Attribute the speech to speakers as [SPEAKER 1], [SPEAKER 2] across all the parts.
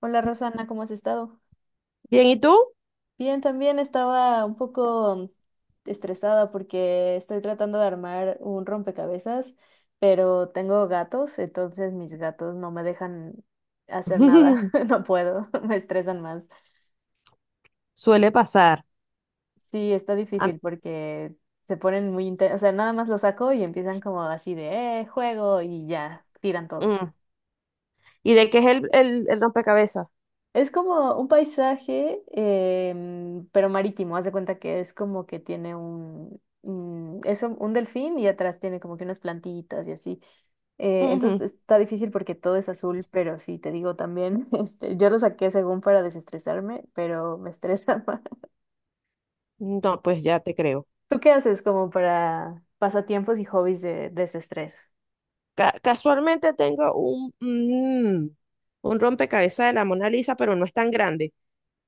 [SPEAKER 1] Hola Rosana, ¿cómo has estado?
[SPEAKER 2] Bien, ¿y tú?
[SPEAKER 1] Bien, también estaba un poco estresada porque estoy tratando de armar un rompecabezas, pero tengo gatos, entonces mis gatos no me dejan hacer nada, no puedo, me estresan más.
[SPEAKER 2] Suele pasar.
[SPEAKER 1] Sí, está
[SPEAKER 2] Ah,
[SPEAKER 1] difícil porque se ponen muy intensos, o sea, nada más los saco y empiezan como así de, juego y ya, tiran todo.
[SPEAKER 2] mm. ¿Y de qué es el rompecabezas?
[SPEAKER 1] Es como un paisaje, pero marítimo. Haz de cuenta que es como que tiene un, mm, es un delfín y atrás tiene como que unas plantitas y así. Entonces
[SPEAKER 2] Ujú.
[SPEAKER 1] está difícil porque todo es azul, pero sí, te digo también, este, yo lo saqué según para desestresarme, pero me estresa más.
[SPEAKER 2] No, pues ya te creo.
[SPEAKER 1] ¿Tú qué haces como para pasatiempos y hobbies de desestrés?
[SPEAKER 2] Casualmente tengo un, un rompecabezas de la Mona Lisa, pero no es tan grande.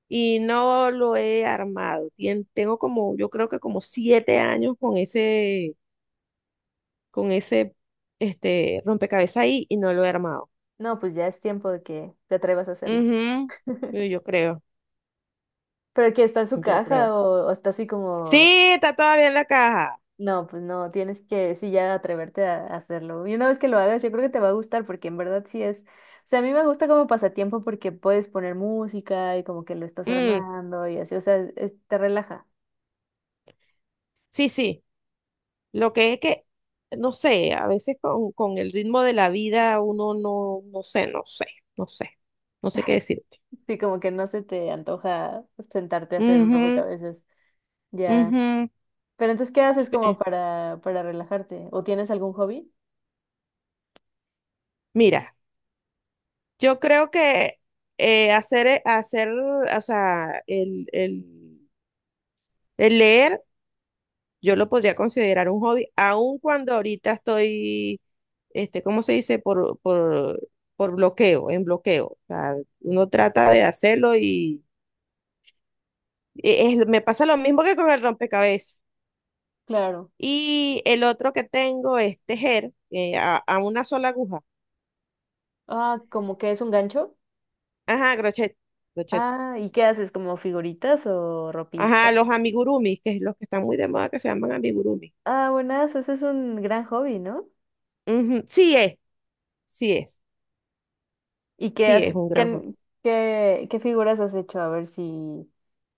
[SPEAKER 2] Y no lo he armado. Tengo como, yo creo que como 7 años con ese, con ese rompecabezas ahí y no lo he armado.
[SPEAKER 1] No, pues ya es tiempo de que te atrevas a hacerlo.
[SPEAKER 2] Ujú. Yo yo creo,
[SPEAKER 1] ¿Pero que está en su
[SPEAKER 2] yo
[SPEAKER 1] caja
[SPEAKER 2] creo.
[SPEAKER 1] o está así como?
[SPEAKER 2] Sí, está todavía en la caja.
[SPEAKER 1] No, pues no, tienes que, sí, ya atreverte a hacerlo. Y una vez que lo hagas, yo creo que te va a gustar porque en verdad sí es, o sea, a mí me gusta como pasatiempo porque puedes poner música y como que lo estás
[SPEAKER 2] Mm,
[SPEAKER 1] armando y así, o sea, es- te relaja.
[SPEAKER 2] sí, sí. Lo que es que, no sé, a veces con el ritmo de la vida uno no, no sé, no sé, no sé, no sé qué decirte.
[SPEAKER 1] Sí, como que no se te antoja sentarte a hacer un rompecabezas.
[SPEAKER 2] Ujú,
[SPEAKER 1] Ya.
[SPEAKER 2] ujú,
[SPEAKER 1] Pero entonces, ¿qué haces como
[SPEAKER 2] sí.
[SPEAKER 1] para relajarte? ¿O tienes algún hobby?
[SPEAKER 2] Mira, yo creo que hacer, o sea, el leer, yo lo podría considerar un hobby, aun cuando ahorita estoy, ¿cómo se dice? Por bloqueo, en bloqueo. O sea, uno trata de hacerlo y me pasa lo mismo que con el rompecabezas.
[SPEAKER 1] Claro.
[SPEAKER 2] Y el otro que tengo es tejer a una sola aguja.
[SPEAKER 1] Ah, como que es un gancho.
[SPEAKER 2] Ajá, crochet, crochet.
[SPEAKER 1] Ah, ¿y qué haces? ¿Como figuritas o ropita?
[SPEAKER 2] Ajá, los amigurumis, que es los que están muy de moda que se llaman amigurumis.
[SPEAKER 1] Ah, buenas, ese es un gran hobby, ¿no?
[SPEAKER 2] Ujú, sí es,
[SPEAKER 1] ¿Y qué
[SPEAKER 2] sí
[SPEAKER 1] has,
[SPEAKER 2] es un
[SPEAKER 1] qué,
[SPEAKER 2] gran hobby.
[SPEAKER 1] han- qué, qué figuras has hecho? A ver si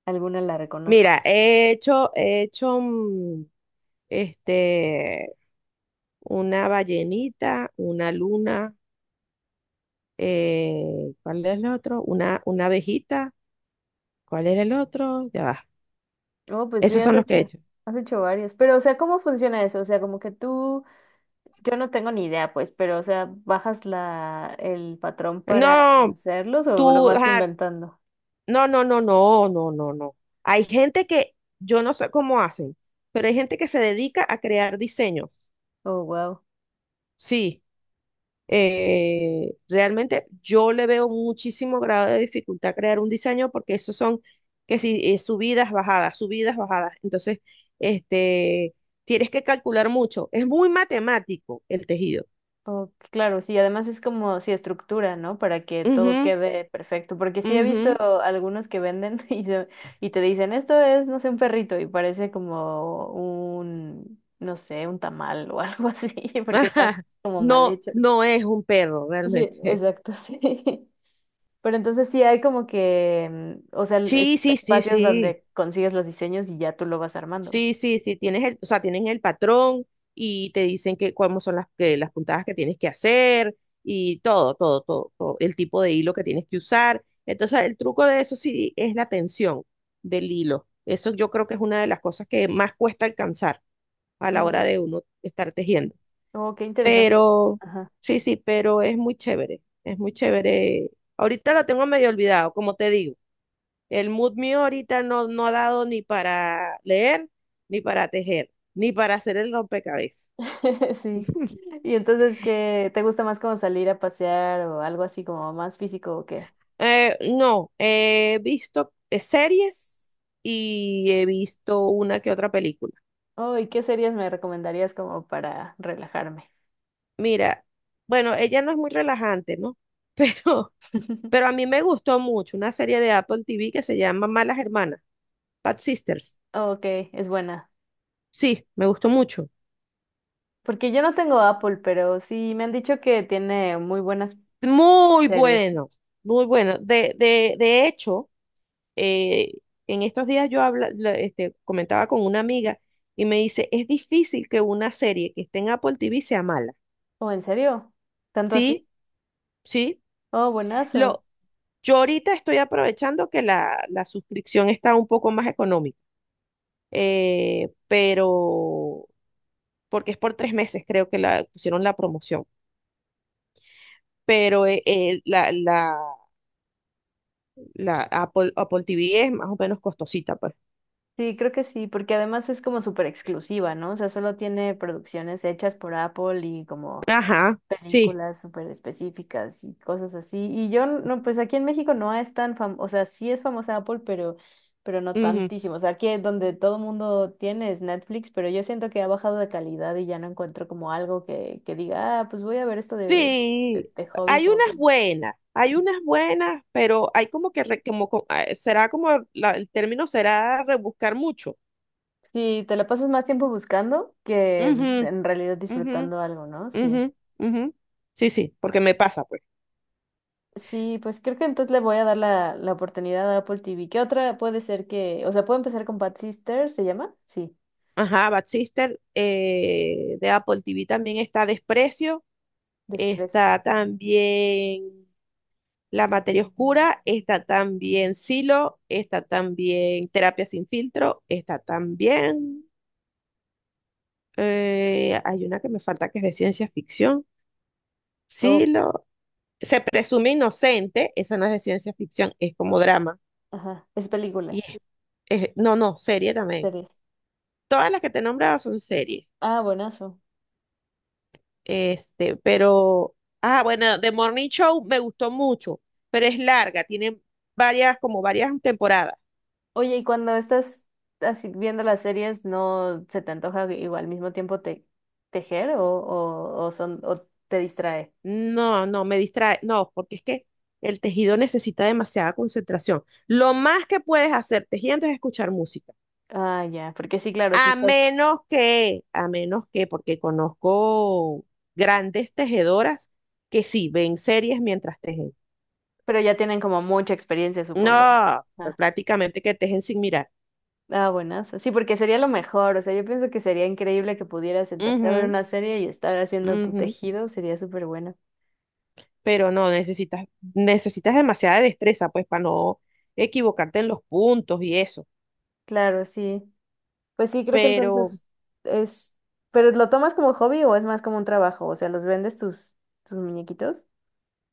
[SPEAKER 1] alguna la reconozco.
[SPEAKER 2] Mira, he hecho este, una ballenita, una luna, ¿cuál es el otro? Una abejita, ¿cuál es el otro? Ya va.
[SPEAKER 1] Oh, pues sí,
[SPEAKER 2] Esos son los que he hecho.
[SPEAKER 1] has hecho varios. Pero, o sea, ¿cómo funciona eso? O sea, como que tú, yo no tengo ni idea, pues, pero, o sea, ¿bajas la, el patrón para
[SPEAKER 2] No,
[SPEAKER 1] hacerlos o lo
[SPEAKER 2] tú,
[SPEAKER 1] vas
[SPEAKER 2] ajá,
[SPEAKER 1] inventando?
[SPEAKER 2] no, no, no, no, no, no, no. Hay gente que, yo no sé cómo hacen, pero hay gente que se dedica a crear diseños.
[SPEAKER 1] Oh, wow.
[SPEAKER 2] Sí, realmente yo le veo muchísimo grado de dificultad a crear un diseño porque esos son, que si subidas, bajadas, subidas, bajadas. Entonces, este, tienes que calcular mucho. Es muy matemático el tejido.
[SPEAKER 1] Oh, claro, sí, además es como, sí, estructura, ¿no? Para que todo
[SPEAKER 2] Ujú,
[SPEAKER 1] quede perfecto, porque sí he visto
[SPEAKER 2] ujú.
[SPEAKER 1] algunos que venden y, se- y te dicen, esto es, no sé, un perrito y parece como un, no sé, un tamal o algo así, porque están
[SPEAKER 2] Ajá.
[SPEAKER 1] como mal
[SPEAKER 2] No,
[SPEAKER 1] hechos.
[SPEAKER 2] no es un perro
[SPEAKER 1] Sí,
[SPEAKER 2] realmente.
[SPEAKER 1] exacto, sí. Pero entonces sí hay como que, mm, o sea, l- es-
[SPEAKER 2] Sí, sí, sí,
[SPEAKER 1] espacios
[SPEAKER 2] sí.
[SPEAKER 1] donde consigues los diseños y ya tú lo vas armando.
[SPEAKER 2] Sí, sí, sí, tienes el, o sea, tienen el patrón y te dicen que cómo son las, que, las puntadas que tienes que hacer y todo, todo, todo, todo, el tipo de hilo que tienes que usar. Entonces, el truco de eso sí es la tensión del hilo. Eso yo creo que es una de las cosas que más cuesta alcanzar a la hora
[SPEAKER 1] Mm.
[SPEAKER 2] de uno estar tejiendo.
[SPEAKER 1] Oh, qué interesante.
[SPEAKER 2] Pero, sí, sí, pero es muy chévere, es muy chévere. Ahorita la tengo medio olvidado, como te digo. El mood mío ahorita no, no ha dado ni para leer, ni para tejer, ni para hacer el rompecabezas.
[SPEAKER 1] Sí. Y entonces, ¿qué te gusta más como salir a pasear o algo así como más físico o qué?
[SPEAKER 2] No, he visto series y he visto una que otra película.
[SPEAKER 1] Oh, ¿y qué series me recomendarías como para relajarme?
[SPEAKER 2] Mira, bueno, ella no es muy relajante, ¿no? Pero, pero a mí me gustó mucho una serie de Apple TV que se llama Malas Hermanas, Bad Sisters.
[SPEAKER 1] Ok, es buena.
[SPEAKER 2] Sí, me gustó mucho.
[SPEAKER 1] Porque yo no tengo Apple, pero sí me han dicho que tiene muy buenas
[SPEAKER 2] Muy
[SPEAKER 1] series.
[SPEAKER 2] bueno, muy bueno. De hecho, Eh, en estos días yo habla, la- este, comentaba con una amiga y me dice, es difícil que una serie que esté en Apple TV sea mala.
[SPEAKER 1] ¿O en serio? ¿Tanto así?
[SPEAKER 2] Sí, sí.
[SPEAKER 1] Oh, buenazo.
[SPEAKER 2] Lo, yo ahorita estoy aprovechando que la suscripción está un poco más económica, pero porque es por 3 meses, creo que la pusieron la promoción. Pero la Apple TV es más o menos costosita, pues.
[SPEAKER 1] Sí, creo que sí, porque además es como súper exclusiva, ¿no? O sea, solo tiene producciones hechas por Apple y como
[SPEAKER 2] Ajá, sí.
[SPEAKER 1] películas súper específicas y cosas así. Y yo, no, pues aquí en México no es tan famosa, o sea, sí es famosa Apple, pero no
[SPEAKER 2] Ujú.
[SPEAKER 1] tantísimo. O sea, aquí es donde todo el mundo tiene es Netflix, pero yo siento que ha bajado de calidad y ya no encuentro como algo que diga, ah, pues voy a ver esto
[SPEAKER 2] Sí,
[SPEAKER 1] de hobby,
[SPEAKER 2] hay
[SPEAKER 1] como
[SPEAKER 2] unas
[SPEAKER 1] que...
[SPEAKER 2] buenas, hay unas buenas, pero hay como que, re- como, co- ah, será como, la- el término será rebuscar mucho.
[SPEAKER 1] Sí, te la pasas más tiempo buscando que
[SPEAKER 2] Ujú,
[SPEAKER 1] en realidad
[SPEAKER 2] ujú,
[SPEAKER 1] disfrutando algo, ¿no? Sí.
[SPEAKER 2] ujú, ujú. Sí, sí, porque me pasa, pues.
[SPEAKER 1] Sí, pues creo que entonces le voy a dar la, la oportunidad a Apple TV. ¿Qué otra puede ser que, o sea, puedo empezar con Bad Sisters, ¿se llama? Sí.
[SPEAKER 2] Ajá, Bad Sister de Apple TV también está Desprecio,
[SPEAKER 1] Desprecio.
[SPEAKER 2] está también La Materia Oscura, está también Silo, está también Terapia Sin Filtro, está también hay una que me falta que es de ciencia ficción. Sí,
[SPEAKER 1] Oh,
[SPEAKER 2] Se presume inocente, esa no es de ciencia ficción, es como drama.
[SPEAKER 1] ajá. Es
[SPEAKER 2] Y
[SPEAKER 1] película.
[SPEAKER 2] es- no, no, serie también.
[SPEAKER 1] Series.
[SPEAKER 2] Todas las que te he nombrado son series.
[SPEAKER 1] Ah, buenazo.
[SPEAKER 2] Este, pero, bueno, The Morning Show me gustó mucho, pero es larga, tiene varias, como varias temporadas.
[SPEAKER 1] Oye, y cuando estás así viendo las series, ¿no se te antoja igual al mismo tiempo te tejer o son o te distrae?
[SPEAKER 2] No, no, me distrae, no, porque es que el tejido necesita demasiada concentración. Lo más que puedes hacer tejiendo es escuchar música.
[SPEAKER 1] Ah, ya, porque sí, claro, sí
[SPEAKER 2] A
[SPEAKER 1] estás.
[SPEAKER 2] menos que, a menos que, porque conozco grandes tejedoras que sí ven series mientras tejen.
[SPEAKER 1] Pero ya tienen como mucha experiencia, supongo.
[SPEAKER 2] No,
[SPEAKER 1] Ah,
[SPEAKER 2] prácticamente que tejen sin mirar.
[SPEAKER 1] ah, buenazo. Sí, porque sería lo mejor. O sea, yo pienso que sería increíble que pudieras sentarte a ver
[SPEAKER 2] Ujú,
[SPEAKER 1] una serie y estar haciendo tu
[SPEAKER 2] ujú.
[SPEAKER 1] tejido. Sería súper bueno.
[SPEAKER 2] Pero no, necesitas demasiada destreza, pues, para no equivocarte en los puntos y eso.
[SPEAKER 1] Claro, sí. Pues sí, creo que
[SPEAKER 2] Pero
[SPEAKER 1] entonces es, pero ¿lo tomas como hobby o es más como un trabajo? O sea, ¿los vendes tus, tus muñequitos?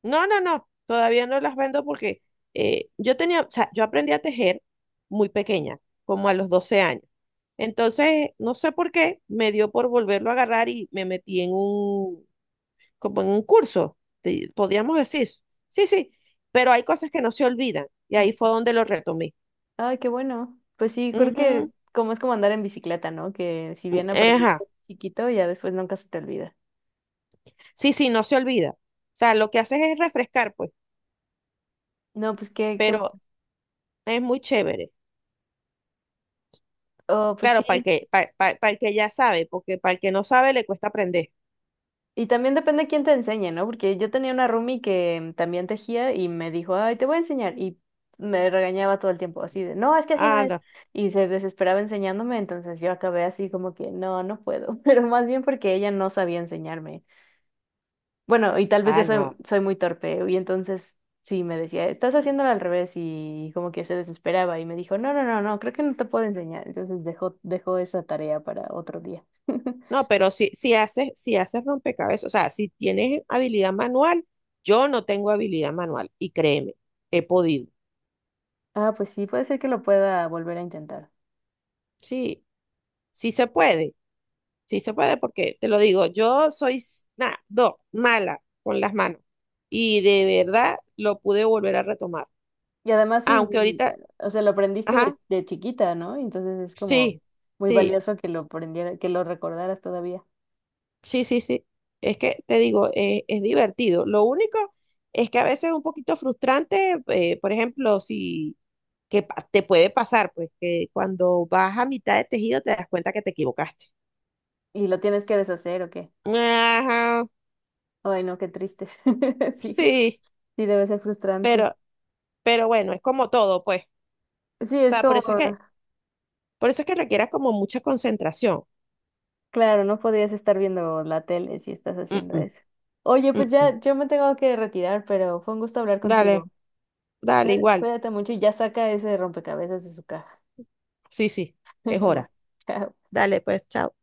[SPEAKER 2] no, no, no, todavía no las vendo porque yo tenía, o sea, yo aprendí a tejer muy pequeña, como a los 12 años. Entonces, no sé por qué, me dio por volverlo a agarrar y me metí en un, como en un curso, podríamos decir. Sí, sí, pero hay cosas que no se olvidan y ahí fue
[SPEAKER 1] Ujú.
[SPEAKER 2] donde lo retomé.
[SPEAKER 1] Ay, qué bueno. Pues sí, creo que
[SPEAKER 2] Ujú,
[SPEAKER 1] como es como andar en bicicleta, ¿no? Que si
[SPEAKER 2] mm,
[SPEAKER 1] bien aprendiste
[SPEAKER 2] ajá.
[SPEAKER 1] chiquito, ya después nunca se te olvida.
[SPEAKER 2] Sí, sí, no se olvida. O sea, lo que haces es refrescar, pues,
[SPEAKER 1] No, pues qué, qué, bu-
[SPEAKER 2] pero es muy chévere.
[SPEAKER 1] oh, pues
[SPEAKER 2] Claro, para el
[SPEAKER 1] sí,
[SPEAKER 2] que, para el que ya sabe, porque para el que no sabe le cuesta aprender.
[SPEAKER 1] Y también depende quién te enseñe, ¿no? Porque yo tenía una roomie que también tejía y me dijo, ay, te voy a enseñar. Y me regañaba todo el tiempo, así de, no, es que así no
[SPEAKER 2] Ah,
[SPEAKER 1] es.
[SPEAKER 2] no,
[SPEAKER 1] Y se desesperaba enseñándome, entonces yo acabé así como que, no, no puedo. Pero más bien porque ella no sabía enseñarme. Bueno, y tal vez yo
[SPEAKER 2] ah,
[SPEAKER 1] soy,
[SPEAKER 2] no.
[SPEAKER 1] soy muy torpe. Y entonces sí me decía, estás haciéndolo al revés. Y como que se desesperaba y me dijo, no, no, no, no, creo que no te puedo enseñar. Entonces dejó, dejó esa tarea para otro día.
[SPEAKER 2] No, pero si haces rompecabezas, o sea, si tienes habilidad manual, yo no tengo habilidad manual, y créeme, he podido.
[SPEAKER 1] Ah, pues sí, puede ser que lo pueda volver a intentar.
[SPEAKER 2] Sí, sí se puede, sí se puede, porque te lo digo, yo soy mala con las manos. Y de verdad lo pude volver a retomar.
[SPEAKER 1] Y además, sin,
[SPEAKER 2] Aunque ahorita,
[SPEAKER 1] o sea, lo aprendiste
[SPEAKER 2] ajá,
[SPEAKER 1] de chiquita, ¿no? Entonces es como
[SPEAKER 2] sí,
[SPEAKER 1] muy
[SPEAKER 2] sí,
[SPEAKER 1] valioso que lo aprendiera, que lo recordaras todavía.
[SPEAKER 2] sí, sí, sí. Es que te digo, es divertido. Lo único es que a veces es un poquito frustrante, por ejemplo, si que pa- te puede pasar, pues que cuando vas a mitad de tejido te das cuenta que te equivocaste.
[SPEAKER 1] ¿Y lo tienes que deshacer o qué?
[SPEAKER 2] Ajá,
[SPEAKER 1] Ay, no, qué triste. Sí,
[SPEAKER 2] sí,
[SPEAKER 1] sí, debe ser frustrante.
[SPEAKER 2] pero, pero bueno, es como todo, pues.
[SPEAKER 1] Sí,
[SPEAKER 2] O
[SPEAKER 1] es
[SPEAKER 2] sea, por
[SPEAKER 1] como,
[SPEAKER 2] eso es que, por eso es que requiere como mucha concentración.
[SPEAKER 1] claro, no podías estar viendo la tele si estás
[SPEAKER 2] Mm,
[SPEAKER 1] haciendo
[SPEAKER 2] mm,
[SPEAKER 1] eso. Oye,
[SPEAKER 2] mm,
[SPEAKER 1] pues
[SPEAKER 2] mm.
[SPEAKER 1] ya yo me tengo que retirar, pero fue un gusto hablar
[SPEAKER 2] Dale,
[SPEAKER 1] contigo.
[SPEAKER 2] dale,
[SPEAKER 1] Cuida-
[SPEAKER 2] igual.
[SPEAKER 1] Cuídate mucho y ya saca ese rompecabezas de su caja.
[SPEAKER 2] Sí, sí, es hora.
[SPEAKER 1] Chao.
[SPEAKER 2] Dale, pues, chao.